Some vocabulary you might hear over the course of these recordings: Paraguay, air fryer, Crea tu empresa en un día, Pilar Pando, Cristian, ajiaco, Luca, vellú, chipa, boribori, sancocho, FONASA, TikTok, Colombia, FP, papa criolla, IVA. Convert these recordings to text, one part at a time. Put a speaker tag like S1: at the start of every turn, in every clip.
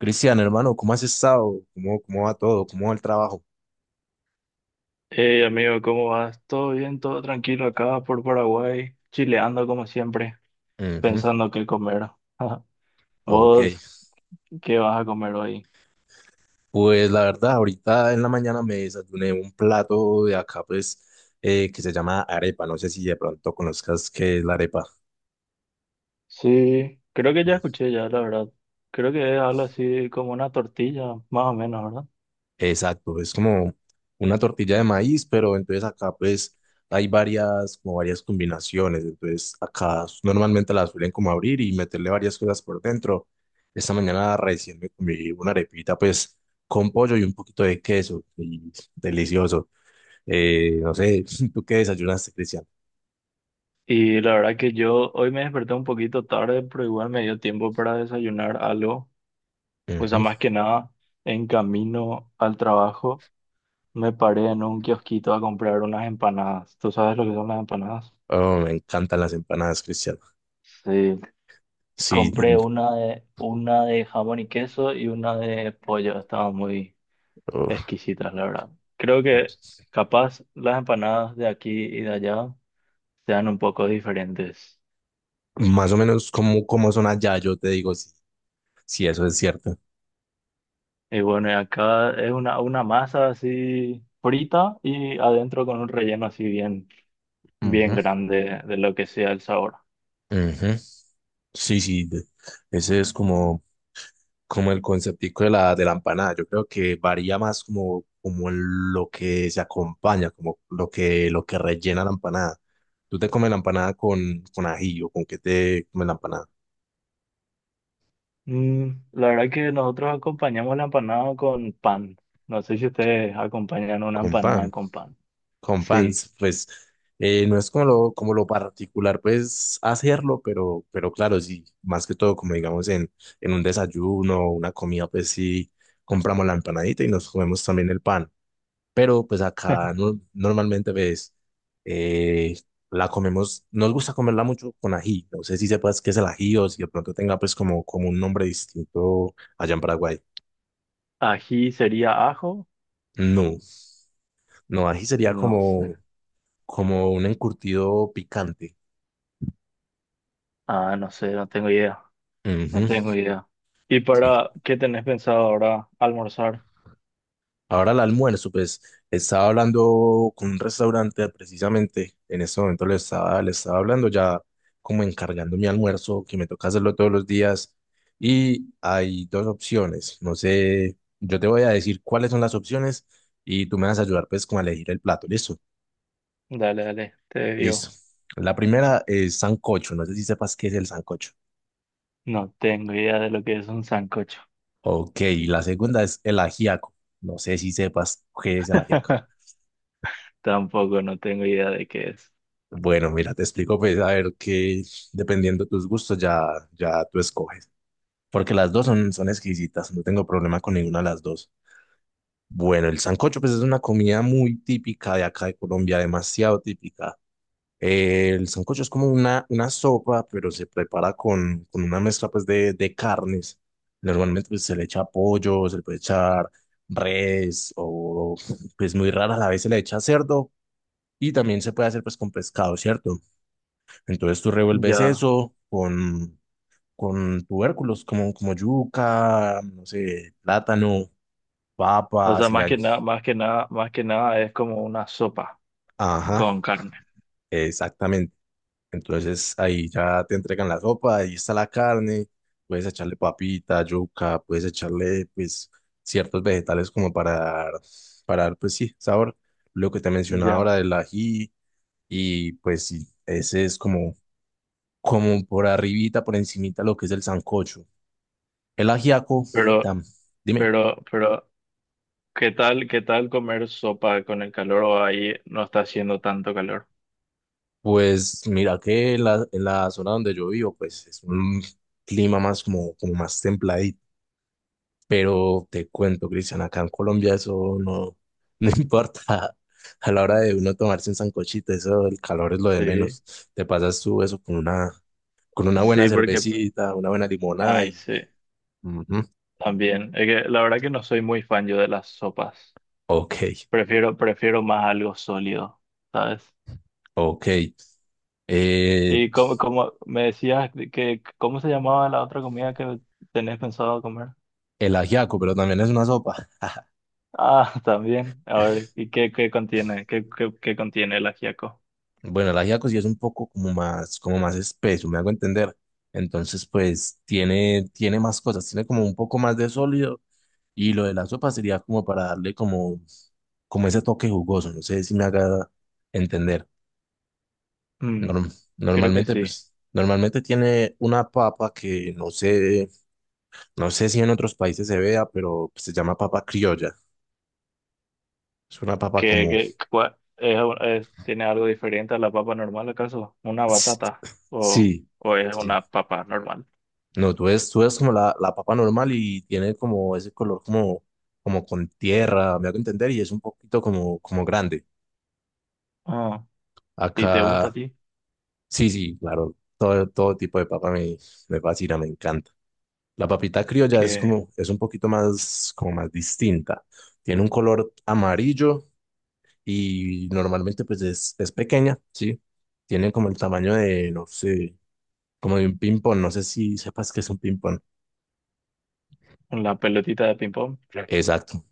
S1: Cristian, hermano, ¿cómo has estado? ¿Cómo va todo? ¿Cómo va el trabajo?
S2: Hey amigo, ¿cómo vas? ¿Todo bien? ¿Todo tranquilo acá por Paraguay? Chileando como siempre,
S1: Ujú.
S2: pensando qué comer.
S1: Ok,
S2: ¿Vos qué vas a comer hoy?
S1: pues la verdad, ahorita en la mañana me desayuné un plato de acá, pues, que se llama arepa. No sé si de pronto conozcas qué es la arepa.
S2: Sí, creo que ya escuché ya, la verdad. Creo que es algo así como una tortilla, más o menos, ¿verdad?
S1: Exacto, es como una tortilla de maíz, pero entonces acá pues hay varias, como varias combinaciones, entonces normalmente las suelen como abrir y meterle varias cosas por dentro. Esta mañana recién me comí una arepita pues con pollo y un poquito de queso, y delicioso. No sé, ¿tú qué desayunaste, Cristian?
S2: Y la verdad que yo hoy me desperté un poquito tarde, pero igual me dio tiempo para desayunar algo. O sea,
S1: Ujú.
S2: más que nada, en camino al trabajo me paré en un kiosquito a comprar unas empanadas. ¿Tú sabes lo que son las empanadas?
S1: Oh, me encantan las empanadas, Cristian.
S2: Sí.
S1: Sí,
S2: Compré
S1: mm,
S2: una de jamón y queso y una de pollo. Estaban muy
S1: oh,
S2: exquisitas, la verdad. Creo que capaz las empanadas de aquí y de allá sean un poco diferentes.
S1: más o menos como son allá, yo te digo si eso es cierto.
S2: Y bueno, y acá es una masa así frita y adentro con un relleno así bien, bien grande de lo que sea el sabor.
S1: Ujú. Sí, sí, ese es como, como el conceptico de la empanada. Yo creo que varía más como lo que se acompaña, como lo que rellena la empanada. ¿Tú te comes la empanada con ají o con qué te comes la empanada?
S2: Mm, la verdad que nosotros acompañamos la empanada con pan. No sé si ustedes acompañan una
S1: Con
S2: empanada
S1: pan.
S2: con pan.
S1: Con pan,
S2: Sí.
S1: pues no es como lo particular, pues hacerlo, pero claro, sí, más que todo, como digamos en un desayuno o una comida, pues sí, compramos la empanadita y nos comemos también el pan. Pero pues acá no- normalmente ves, la comemos, nos gusta comerla mucho con ají, no sé si sepas qué es el ají o si de pronto tenga pues como un nombre distinto allá en Paraguay.
S2: Ají sería ajo.
S1: No, no, ají sería
S2: No sé.
S1: como un encurtido picante.
S2: Ah, no sé, no tengo idea. No
S1: Ujú,
S2: tengo idea. ¿Y
S1: sí.
S2: para qué tenés pensado ahora almorzar?
S1: Ahora el almuerzo, pues estaba hablando con un restaurante precisamente, en este momento le estaba hablando ya como encargando mi almuerzo, que me toca hacerlo todos los días, y hay dos opciones, no sé, yo te voy a decir cuáles son las opciones y tú me vas a ayudar pues como a elegir el plato, ¿listo?
S2: Dale, dale, te
S1: Listo.
S2: digo.
S1: La primera es sancocho, no sé si sepas qué es el sancocho.
S2: No tengo idea de lo que es un sancocho.
S1: Ok, la segunda es el ajiaco, no sé si sepas qué es el ajiaco.
S2: Tampoco no tengo idea de qué es.
S1: Bueno, mira, te explico, pues, a ver que dependiendo de tus gustos ya, ya tú escoges. Porque las dos son exquisitas, no tengo problema con ninguna de las dos. Bueno, el sancocho, pues, es una comida muy típica de acá de Colombia, demasiado típica. El sancocho es como una sopa, pero se prepara con una mezcla, pues, de carnes. Normalmente, pues, se le echa pollo, se le puede echar res, o, pues, muy rara a la vez se le echa cerdo. Y también se puede hacer, pues, con pescado, ¿cierto? Entonces tú revuelves
S2: Ya.
S1: eso con tubérculos como yuca, no sé, plátano,
S2: O
S1: papa,
S2: sea, más que nada, más que nada, más que nada es como una sopa
S1: ajá,
S2: con carne.
S1: exactamente. Entonces ahí ya te entregan la sopa, ahí está la carne, puedes echarle papita, yuca, puedes echarle pues ciertos vegetales como para dar pues sí, sabor. Lo que te mencionaba ahora
S2: Ya.
S1: del ají y pues sí, ese es como por arribita, por encimita lo que es el sancocho. El ajiaco,
S2: Pero,
S1: tam, dime.
S2: pero, qué tal comer sopa con el calor o ahí no está haciendo tanto calor?
S1: Pues mira que en la zona donde yo vivo, pues es un clima más como más templadito. Pero te cuento, Cristian, acá en Colombia eso no importa. A la hora de uno tomarse un sancochito, eso, el calor es lo de
S2: Sí,
S1: menos. Te pasas tú eso con una buena
S2: sí, porque
S1: cervecita, una buena limonada
S2: ay,
S1: y
S2: sí,
S1: ujú,
S2: también. Es que la verdad que no soy muy fan yo de las sopas.
S1: ok,
S2: Prefiero, prefiero más algo sólido, ¿sabes?
S1: ok. Eh,
S2: Y como, como me decías que, ¿cómo se llamaba la otra comida que tenés pensado comer?
S1: el ajiaco, pero también es una sopa.
S2: Ah, también. A ver, ¿y qué, qué contiene? ¿Qué, qué, qué contiene el ajiaco?
S1: Bueno, el ajiaco sí es un poco como más, espeso, me hago entender. Entonces, pues tiene, tiene más cosas, tiene como un poco más de sólido y lo de la sopa sería como para darle como ese toque jugoso, no sé si me haga entender.
S2: Mm,
S1: Norm-
S2: creo que
S1: Normalmente,
S2: sí.
S1: pues, normalmente tiene una papa que no sé, no sé si en otros países se vea, pero se llama papa criolla. Es una papa
S2: ¿Qué,
S1: como,
S2: qué, cua- es- tiene algo diferente a la papa normal, acaso? ¿Una batata?
S1: sí,
S2: O es
S1: sí.
S2: una papa normal?
S1: No, tú ves como la papa normal y tiene como ese color como con tierra, me hago entender, y es un poquito como grande.
S2: Ah, ¿y te gusta a
S1: Acá,
S2: ti?
S1: sí, sí, claro, todo tipo de papa me fascina, me encanta. La papita criolla es como, es un poquito más, como más distinta. Tiene un color amarillo y normalmente pues es pequeña, sí. Tiene como el tamaño de, no sé, como de un ping-pong, no sé si sepas que es un ping-pong.
S2: Con la pelotita de ping-pong.
S1: Exacto.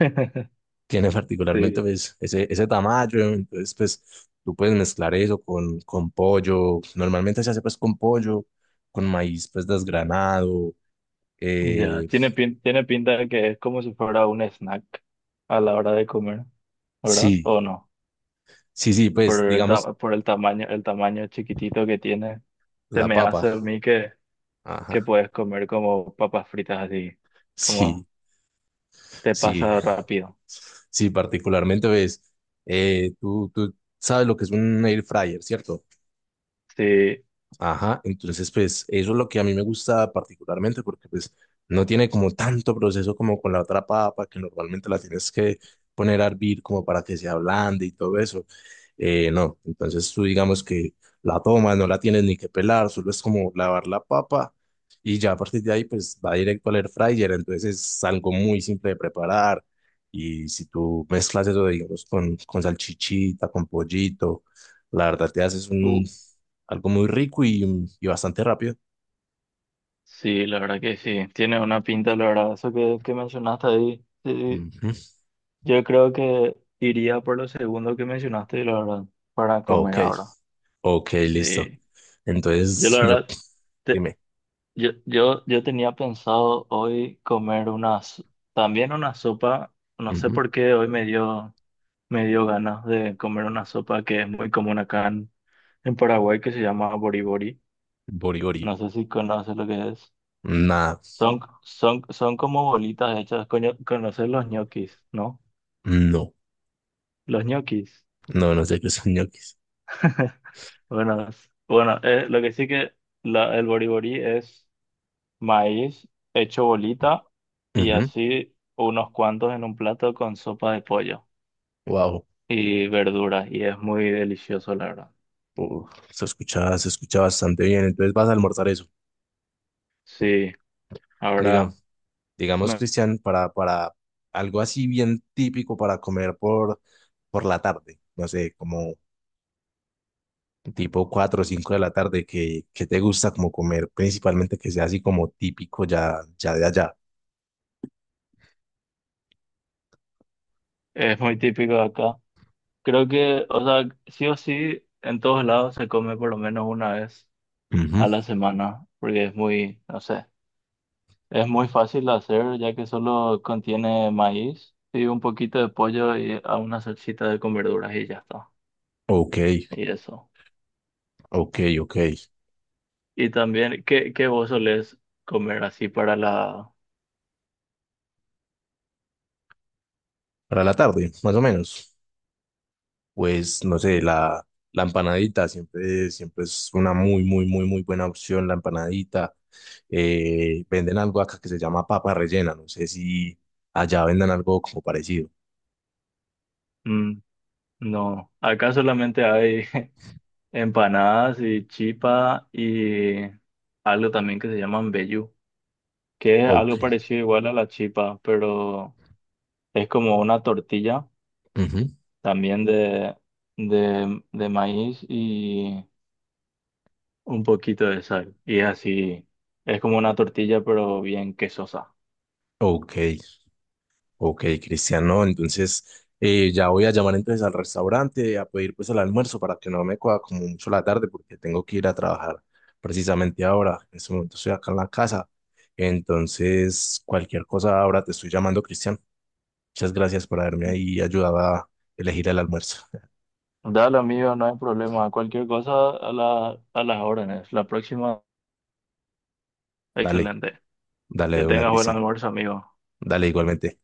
S1: Tiene particularmente
S2: Sí,
S1: pues, ese tamaño, entonces pues tú puedes mezclar eso con pollo, normalmente se hace pues con pollo, con maíz pues desgranado,
S2: ya.
S1: eh,
S2: Tiene, pin- tiene pinta de que es como si fuera un snack a la hora de comer, ¿verdad?
S1: sí,
S2: ¿O no?
S1: sí, sí,
S2: Por
S1: pues
S2: el,
S1: digamos
S2: ta- por el tamaño chiquitito que tiene, se
S1: la
S2: me
S1: papa,
S2: hace a mí que
S1: ajá,
S2: puedes comer como papas fritas así, como
S1: sí,
S2: te
S1: sí,
S2: pasa rápido.
S1: sí, particularmente pues tú sabes lo que es un air fryer, ¿cierto?
S2: Sí,
S1: Ajá, entonces pues eso es lo que a mí me gusta particularmente porque pues no tiene como tanto proceso como con la otra papa que normalmente la tienes que poner a hervir como para que se ablande y todo eso. No, entonces tú digamos que la tomas, no la tienes ni que pelar, solo es como lavar la papa y ya a partir de ahí pues va directo al air fryer, entonces es algo muy simple de preparar y si tú mezclas eso digamos con salchichita, con pollito, la verdad te haces
S2: uh,
S1: un algo muy rico y bastante rápido.
S2: sí, la verdad que sí. Tiene una pinta, la verdad, eso que mencionaste ahí. Sí,
S1: Ujú.
S2: yo creo que iría por lo segundo que mencionaste y la verdad, para comer
S1: Ok,
S2: ahora.
S1: ok, listo.
S2: Sí, yo
S1: Entonces,
S2: la
S1: yo,
S2: verdad, te-
S1: dime,
S2: yo tenía pensado hoy comer unas, también una sopa, no sé
S1: ujú.
S2: por qué hoy me dio ganas de comer una sopa que es muy común acá en Paraguay que se llama boribori.
S1: Borigori.
S2: No sé si conoces lo que es.
S1: Nada,
S2: Son, son, son como bolitas hechas, coño, conoces los ñoquis, ¿no?
S1: no,
S2: Los ñoquis.
S1: no, no sé qué son ñoquis.
S2: Buenas. Bueno, lo que sí que la, el boriborí es maíz hecho bolita y así unos cuantos en un plato con sopa de pollo
S1: Wow,
S2: y verduras y es muy delicioso, la verdad.
S1: se escucha bastante bien. Entonces vas a almorzar eso.
S2: Sí,
S1: Diga,
S2: ahora
S1: digamos,
S2: me-
S1: Cristian, para algo así bien típico para comer por la tarde. No sé, como tipo 4 o 5 de la tarde, que te gusta como comer? Principalmente que sea así como típico ya, ya de allá.
S2: es muy típico de acá. Creo que, o sea, sí o sí, en todos lados se come por lo menos una vez
S1: Ujú.
S2: a la semana porque es muy, no sé. Es muy fácil de hacer ya que solo contiene maíz y un poquito de pollo y a una salsita de con verduras y ya está.
S1: Ok,
S2: Y eso.
S1: ok, ok.
S2: Y también, ¿qué, qué vos solés comer así para la...
S1: Para la tarde, más o menos. Pues no sé, la empanadita siempre, siempre es una muy, muy, muy, muy buena opción, la empanadita. Venden algo acá que se llama papa rellena, no sé si allá vendan algo como parecido.
S2: Mm, no, acá solamente hay empanadas y chipa y algo también que se llaman vellú, que es
S1: Ok,
S2: algo parecido igual a la chipa, pero es como una tortilla
S1: ujú,
S2: también de maíz un poquito de sal. Y es así, es como una tortilla, pero bien quesosa.
S1: ok. Ok, Cristiano, entonces ya voy a llamar entonces al restaurante a pedir pues el almuerzo para que no me coja como mucho la tarde porque tengo que ir a trabajar precisamente ahora. En este momento estoy acá en la casa. Entonces, cualquier cosa ahora te estoy llamando, Cristian. Muchas gracias por haberme ahí ayudado a elegir el almuerzo.
S2: Dale, amigo, no hay problema. Cualquier cosa a la, a las órdenes. La próxima,
S1: Dale,
S2: excelente.
S1: dale
S2: Que
S1: de una,
S2: tengas buen
S1: Cristian.
S2: almuerzo, amigo.
S1: Dale igualmente.